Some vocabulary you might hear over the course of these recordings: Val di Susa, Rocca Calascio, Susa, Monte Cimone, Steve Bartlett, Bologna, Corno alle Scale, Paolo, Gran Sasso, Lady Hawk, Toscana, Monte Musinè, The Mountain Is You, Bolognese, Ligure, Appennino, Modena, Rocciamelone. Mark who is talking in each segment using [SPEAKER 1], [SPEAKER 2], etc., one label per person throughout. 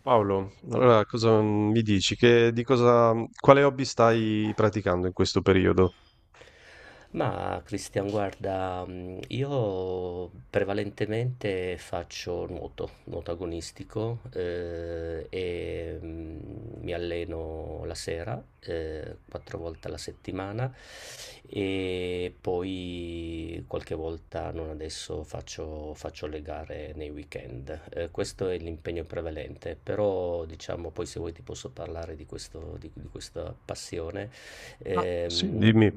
[SPEAKER 1] Paolo, allora cosa mi dici? Quale hobby stai praticando in questo periodo?
[SPEAKER 2] Ma Cristian, guarda, io prevalentemente faccio nuoto, nuoto agonistico e mi alleno la sera, quattro volte alla settimana e poi qualche volta, non adesso, faccio le gare nei weekend. Questo è l'impegno prevalente, però diciamo poi se vuoi ti posso parlare di questa passione.
[SPEAKER 1] Ah, sì,
[SPEAKER 2] Ehm,
[SPEAKER 1] dimmi.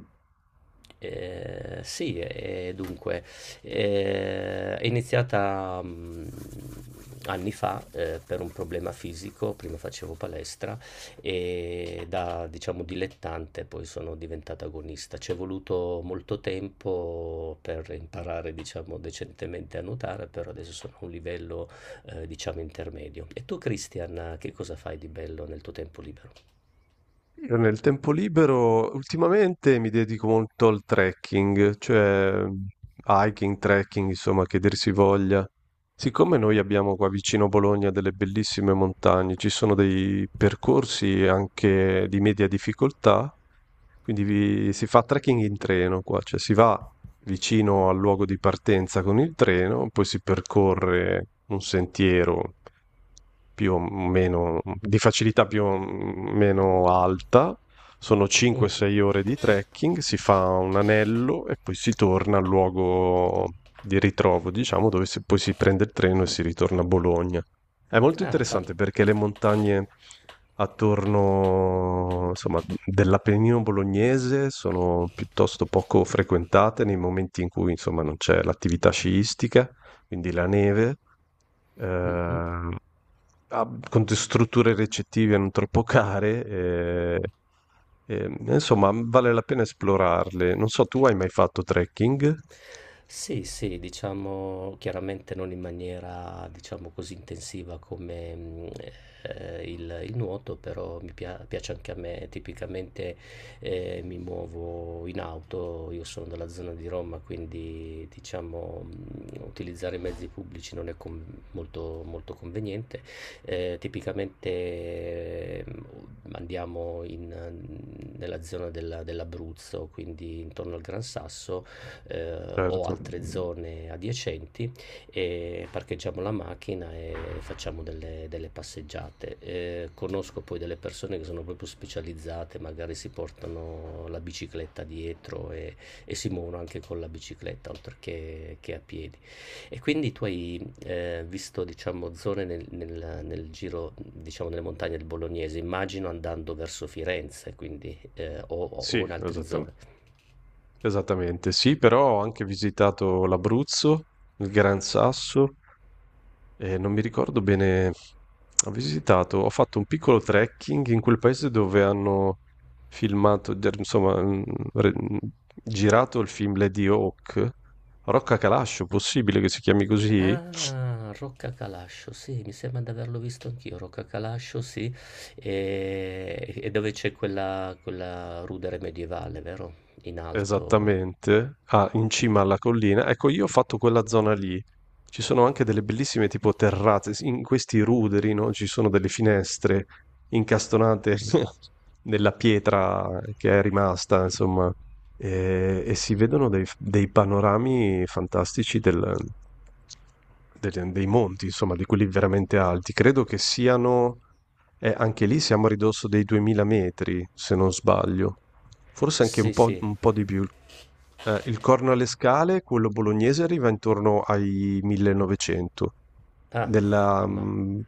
[SPEAKER 2] sì, e dunque, è iniziata anni fa per un problema fisico, prima facevo palestra e da diciamo dilettante poi sono diventata agonista. Ci è voluto molto tempo per imparare diciamo decentemente a nuotare, però adesso sono a un livello diciamo intermedio. E tu, Christian, che cosa fai di bello nel tuo tempo libero?
[SPEAKER 1] Io nel tempo libero ultimamente mi dedico molto al trekking, cioè hiking, trekking, insomma, che dir si voglia. Siccome noi abbiamo qua vicino Bologna delle bellissime montagne, ci sono dei percorsi anche di media difficoltà, quindi si fa trekking in treno qua, cioè si va vicino al luogo di partenza con il treno, poi si percorre un sentiero più o meno di facilità più o meno alta. Sono
[SPEAKER 2] Mm.
[SPEAKER 1] 5-6 ore di trekking, si fa un anello e poi si torna al luogo di ritrovo, diciamo, dove poi si prende il treno e si ritorna a Bologna. È molto
[SPEAKER 2] Ah,
[SPEAKER 1] interessante perché le montagne attorno, insomma, dell'Appennino bolognese sono piuttosto poco frequentate nei momenti in cui, insomma, non c'è l'attività sciistica, quindi la neve
[SPEAKER 2] fanno.
[SPEAKER 1] eh, strutture ricettive non troppo care. Eh, insomma, vale la pena esplorarle. Non so, tu hai mai fatto trekking?
[SPEAKER 2] Sì, sì, diciamo chiaramente non in maniera, diciamo così intensiva come il nuoto, però mi piace anche a me. Tipicamente mi muovo in auto, io sono della zona di Roma, quindi diciamo utilizzare i mezzi pubblici non è molto, molto conveniente. Tipicamente andiamo nella dell'Abruzzo, quindi intorno al Gran Sasso o
[SPEAKER 1] Certo.
[SPEAKER 2] altre zone adiacenti e parcheggiamo la macchina e facciamo delle passeggiate. Conosco poi delle persone che sono proprio specializzate, magari si portano la bicicletta dietro e si muovono anche con la bicicletta oltre che a piedi. E quindi tu hai visto diciamo, zone nel giro, diciamo, nelle montagne del Bolognese, immagino andando verso Firenze, quindi,
[SPEAKER 1] Sì,
[SPEAKER 2] o in altre
[SPEAKER 1] esattamente.
[SPEAKER 2] zone.
[SPEAKER 1] Esattamente, sì, però ho anche visitato l'Abruzzo, il Gran Sasso. Non mi ricordo bene, ho fatto un piccolo trekking in quel paese dove hanno filmato der insomma, re mhmm, girato il film Lady Hawk, Rocca Calascio, possibile che si chiami così?
[SPEAKER 2] Ah, Rocca Calascio, sì, mi sembra di averlo visto anch'io, Rocca Calascio, sì, e dove c'è quella rudere medievale, vero? In alto.
[SPEAKER 1] Esattamente, ah, in cima alla collina. Ecco, io ho fatto quella zona lì. Ci sono anche delle bellissime tipo terrazze, in questi ruderi, no? Ci sono delle finestre incastonate nella pietra che è rimasta, insomma, e si vedono dei panorami fantastici dei monti, insomma, di quelli veramente alti. Credo che siano, anche lì siamo a ridosso dei 2000 metri, se non sbaglio. Forse anche un
[SPEAKER 2] Sì,
[SPEAKER 1] po'
[SPEAKER 2] sì,
[SPEAKER 1] un po' di più. Il Corno alle Scale, quello bolognese, arriva intorno ai 1900.
[SPEAKER 2] ah,
[SPEAKER 1] Nella,
[SPEAKER 2] ma...
[SPEAKER 1] mh,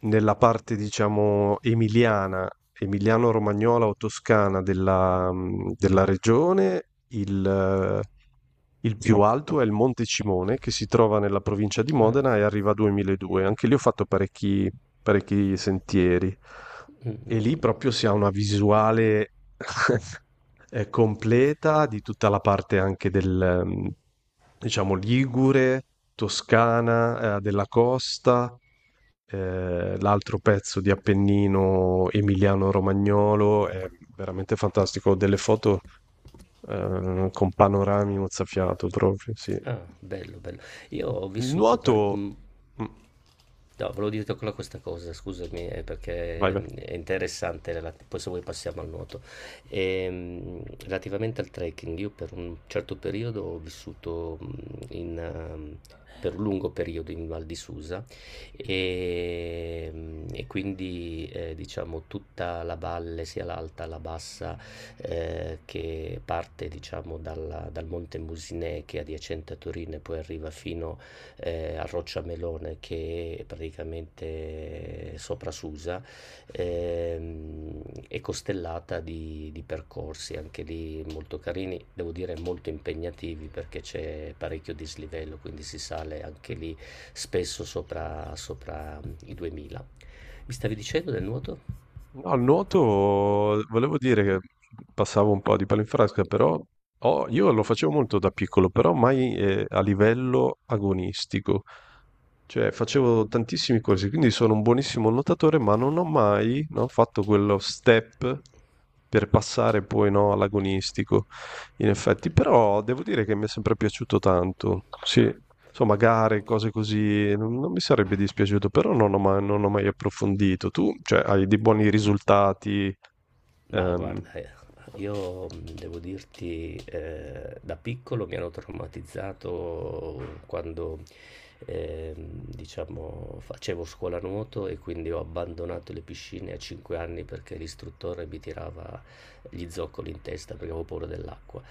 [SPEAKER 1] nella parte, diciamo, emiliana, emiliano-romagnola o toscana della regione, il più alto è il Monte Cimone, che si trova nella provincia di
[SPEAKER 2] Ah.
[SPEAKER 1] Modena e arriva a 2200. Anche lì ho fatto parecchi, parecchi sentieri.
[SPEAKER 2] Mm, mm,
[SPEAKER 1] E
[SPEAKER 2] mm,
[SPEAKER 1] lì
[SPEAKER 2] mm.
[SPEAKER 1] proprio si ha una visuale completa di tutta la parte anche del, diciamo, Ligure, Toscana, della costa, l'altro pezzo di Appennino emiliano-romagnolo, è veramente fantastico, ho delle foto con panorami mozzafiato proprio, sì.
[SPEAKER 2] Ah, bello, bello. Io ho
[SPEAKER 1] Il
[SPEAKER 2] vissuto per
[SPEAKER 1] nuoto...
[SPEAKER 2] un...
[SPEAKER 1] Mm.
[SPEAKER 2] No, volevo dirti ancora questa cosa, scusami,
[SPEAKER 1] Vai,
[SPEAKER 2] perché
[SPEAKER 1] vai.
[SPEAKER 2] è interessante, poi se vuoi passiamo al nuoto. Relativamente al trekking, io per un certo periodo ho vissuto in, ehm, per un lungo periodo in Val di Susa e, e quindi diciamo tutta la valle, sia l'alta, la bassa, che parte diciamo dal Monte Musinè che è adiacente a Torino e poi arriva fino a Rocciamelone che è praticamente sopra Susa, ehm, è costellata di percorsi anche lì molto carini, devo dire molto impegnativi perché c'è parecchio dislivello, quindi si sale anche lì spesso sopra i 2000. Mi stavi dicendo del nuoto?
[SPEAKER 1] No, al nuoto volevo dire che passavo un po' di palinfrasca, però io lo facevo molto da piccolo, però mai a livello agonistico. Cioè facevo tantissimi corsi, quindi sono un buonissimo nuotatore, ma non ho mai, no, fatto quello step per passare poi, no, all'agonistico, in effetti. Però devo dire che mi è sempre piaciuto tanto. Sì, insomma, gare, cose così, non, non mi sarebbe dispiaciuto, però non ho mai approfondito. Tu, cioè, hai dei buoni risultati,
[SPEAKER 2] Ma
[SPEAKER 1] ehm,
[SPEAKER 2] guarda, io devo dirti, da piccolo mi hanno traumatizzato ehm, diciamo, facevo scuola nuoto e quindi ho abbandonato le piscine a 5 anni perché l'istruttore mi tirava gli zoccoli in testa perché avevo paura dell'acqua.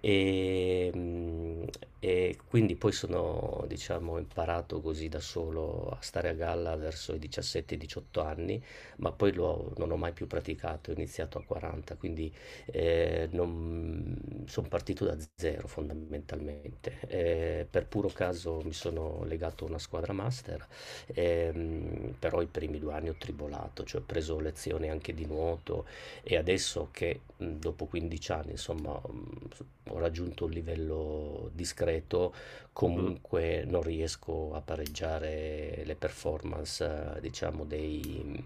[SPEAKER 2] E, mh, e quindi poi sono, diciamo, imparato così da solo a stare a galla verso i 17-18 anni, ma non ho mai più praticato, ho iniziato a 40, quindi non, sono partito da zero fondamentalmente. Per puro caso mi sono legato a una squadra master, però i primi 2 anni ho tribolato, cioè ho preso lezioni anche di nuoto e adesso che dopo 15 anni insomma ho raggiunto un livello discreto,
[SPEAKER 1] Mhm.
[SPEAKER 2] comunque non riesco a pareggiare le performance, diciamo,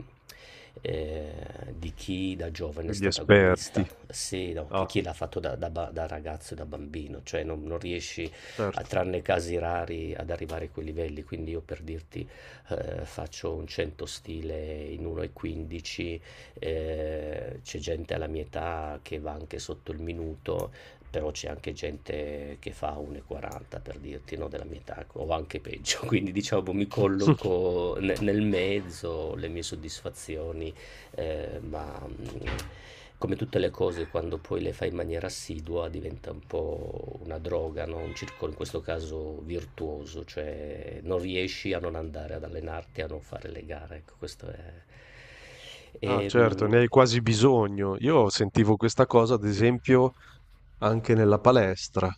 [SPEAKER 2] eh, di chi da giovane è
[SPEAKER 1] Degli
[SPEAKER 2] stato
[SPEAKER 1] esperti.
[SPEAKER 2] agonista, sì, no,
[SPEAKER 1] Ah,
[SPEAKER 2] chi l'ha fatto da ragazzo e da bambino, cioè non riesci, a,
[SPEAKER 1] certo.
[SPEAKER 2] tranne casi rari, ad arrivare a quei livelli. Quindi io per dirti faccio un 100 stile in 1,15, c'è gente alla mia età che va anche sotto il minuto, però c'è anche gente che fa 1,40 per dirti, no, della mia età, o anche peggio, quindi diciamo mi colloco nel mezzo, le mie soddisfazioni, eh, ma mh, come tutte le cose quando poi le fai in maniera assidua diventa un po' una droga, no? Un circolo in questo caso virtuoso, cioè non riesci a non andare ad allenarti, a non fare le gare, ecco, questo è...
[SPEAKER 1] Ah,
[SPEAKER 2] E,
[SPEAKER 1] certo,
[SPEAKER 2] mh,
[SPEAKER 1] ne hai quasi bisogno. Io sentivo questa cosa, ad esempio, anche nella palestra,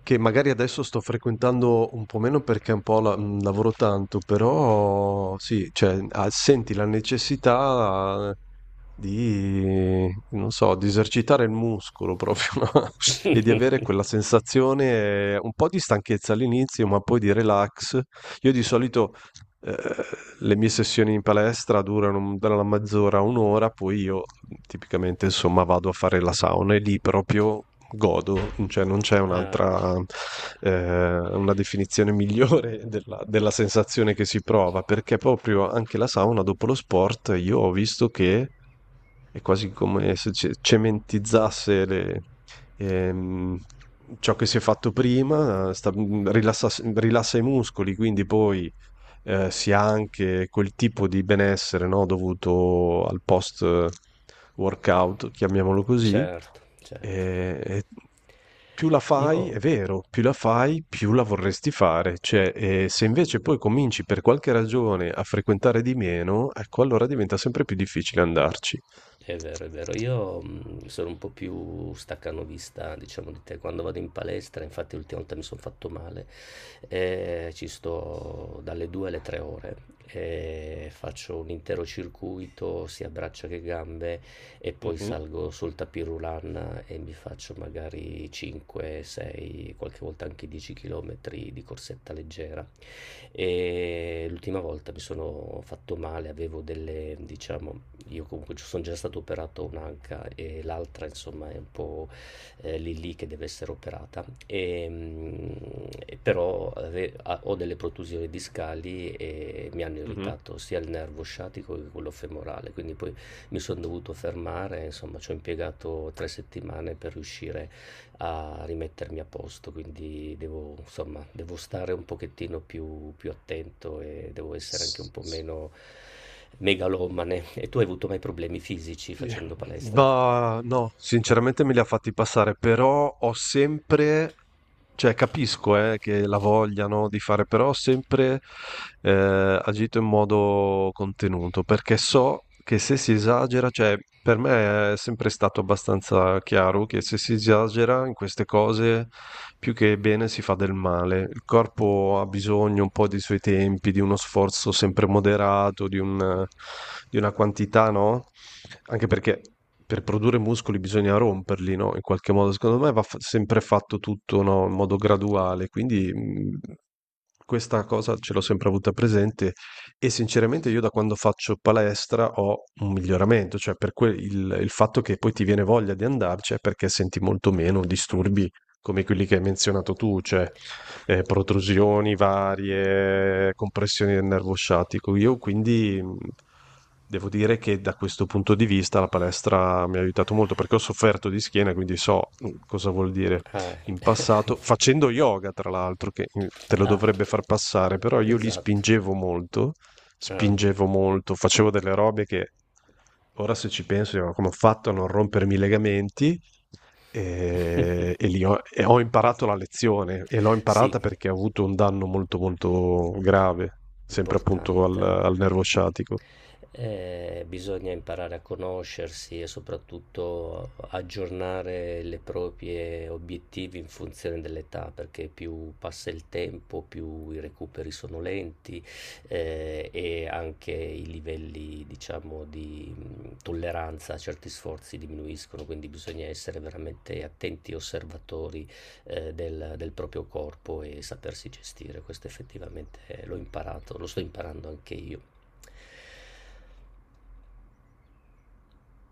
[SPEAKER 1] che magari adesso sto frequentando un po' meno perché un po' lavoro tanto, però sì, cioè, ah, senti la necessità di, non so, di esercitare il muscolo proprio, no? E di avere quella sensazione, un po' di stanchezza all'inizio, ma poi di relax. Io di solito eh, le mie sessioni in palestra durano dalla mezz'ora a un'ora, poi io tipicamente insomma vado a fare la sauna e lì proprio godo, cioè non c'è
[SPEAKER 2] ah,
[SPEAKER 1] un'altra, una definizione migliore della, della sensazione che si prova, perché proprio anche la sauna dopo lo sport io ho visto che è quasi come se cementizzasse le, ehm, ciò che si è fatto prima, rilassa rilassa i muscoli, quindi poi si ha anche quel tipo di benessere, no, dovuto al post workout, chiamiamolo così,
[SPEAKER 2] certo, certo.
[SPEAKER 1] e più la fai,
[SPEAKER 2] Io...
[SPEAKER 1] è vero, più la fai, più la vorresti fare, cioè, e se invece poi cominci per qualche ragione a frequentare di meno, ecco, allora diventa sempre più difficile andarci.
[SPEAKER 2] È vero, è vero. Io sono un po' più staccanovista, diciamo, di te. Quando vado in palestra, infatti l'ultima volta mi sono fatto male, ci sto dalle 2 alle 3 ore, faccio un intero circuito, sia braccia che gambe, e poi
[SPEAKER 1] Mhm,
[SPEAKER 2] salgo sul tapis roulant e mi faccio magari 5, 6, qualche volta anche 10 km di corsetta leggera. E l'ultima volta mi sono fatto male, avevo diciamo, io comunque sono già stato operato un'anca e l'altra insomma è un po' lì lì che deve essere operata. Però ho delle protusioni discali e mi hanno
[SPEAKER 1] mhm.
[SPEAKER 2] irritato sia il nervo sciatico che quello femorale, quindi poi mi sono dovuto fermare, insomma ci ho impiegato 3 settimane per riuscire a rimettermi a posto, quindi devo, insomma, devo stare un pochettino più attento e devo essere anche un po' meno megalomane. E tu hai avuto mai problemi fisici
[SPEAKER 1] Sì.
[SPEAKER 2] facendo palestra?
[SPEAKER 1] Ma no, sinceramente me li ha fatti passare, però ho sempre, cioè capisco che la vogliano di fare, però ho sempre agito in modo contenuto, perché so che se si esagera, cioè per me è sempre stato abbastanza chiaro che se si esagera in queste cose, più che bene si fa del male. Il corpo ha bisogno un po' dei suoi tempi, di uno sforzo sempre moderato, di una quantità, no? Anche perché per produrre muscoli bisogna romperli, no? In qualche modo, secondo me va sempre fatto tutto, no? In modo graduale, quindi questa cosa ce l'ho sempre avuta presente e sinceramente io da quando faccio palestra ho un miglioramento, cioè per il fatto che poi ti viene voglia di andarci è perché senti molto meno disturbi come quelli che hai menzionato tu, cioè protrusioni varie, compressioni del nervo sciatico. Io quindi devo dire che da questo punto di vista la palestra mi ha aiutato molto perché ho sofferto di schiena, quindi so cosa vuol dire
[SPEAKER 2] Ah,
[SPEAKER 1] in passato,
[SPEAKER 2] infatti.
[SPEAKER 1] facendo yoga tra l'altro, che te lo
[SPEAKER 2] Ah,
[SPEAKER 1] dovrebbe far passare, però io li
[SPEAKER 2] esatto.
[SPEAKER 1] spingevo molto,
[SPEAKER 2] Ah.
[SPEAKER 1] facevo delle robe che Ora se ci penso, io come ho fatto a non rompermi i legamenti eh, e, li ho, e ho imparato la lezione e l'ho
[SPEAKER 2] Sì.
[SPEAKER 1] imparata perché ho avuto un danno molto molto grave, sempre appunto al,
[SPEAKER 2] Importante.
[SPEAKER 1] al nervo sciatico.
[SPEAKER 2] Bisogna imparare a conoscersi e soprattutto aggiornare le proprie obiettivi in funzione dell'età, perché più passa il tempo, più i recuperi sono lenti, e anche i livelli, diciamo, di tolleranza a certi sforzi diminuiscono, quindi bisogna essere veramente attenti osservatori del, del proprio corpo e sapersi gestire. Questo effettivamente l'ho imparato, lo sto imparando anche io.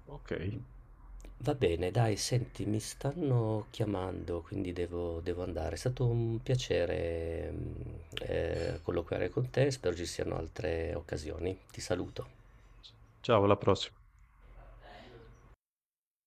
[SPEAKER 1] Ok,
[SPEAKER 2] Va bene, dai, senti, mi stanno chiamando, quindi devo andare. È stato un piacere colloquiare con te, spero ci siano altre occasioni. Ti saluto.
[SPEAKER 1] ciao, alla prossima.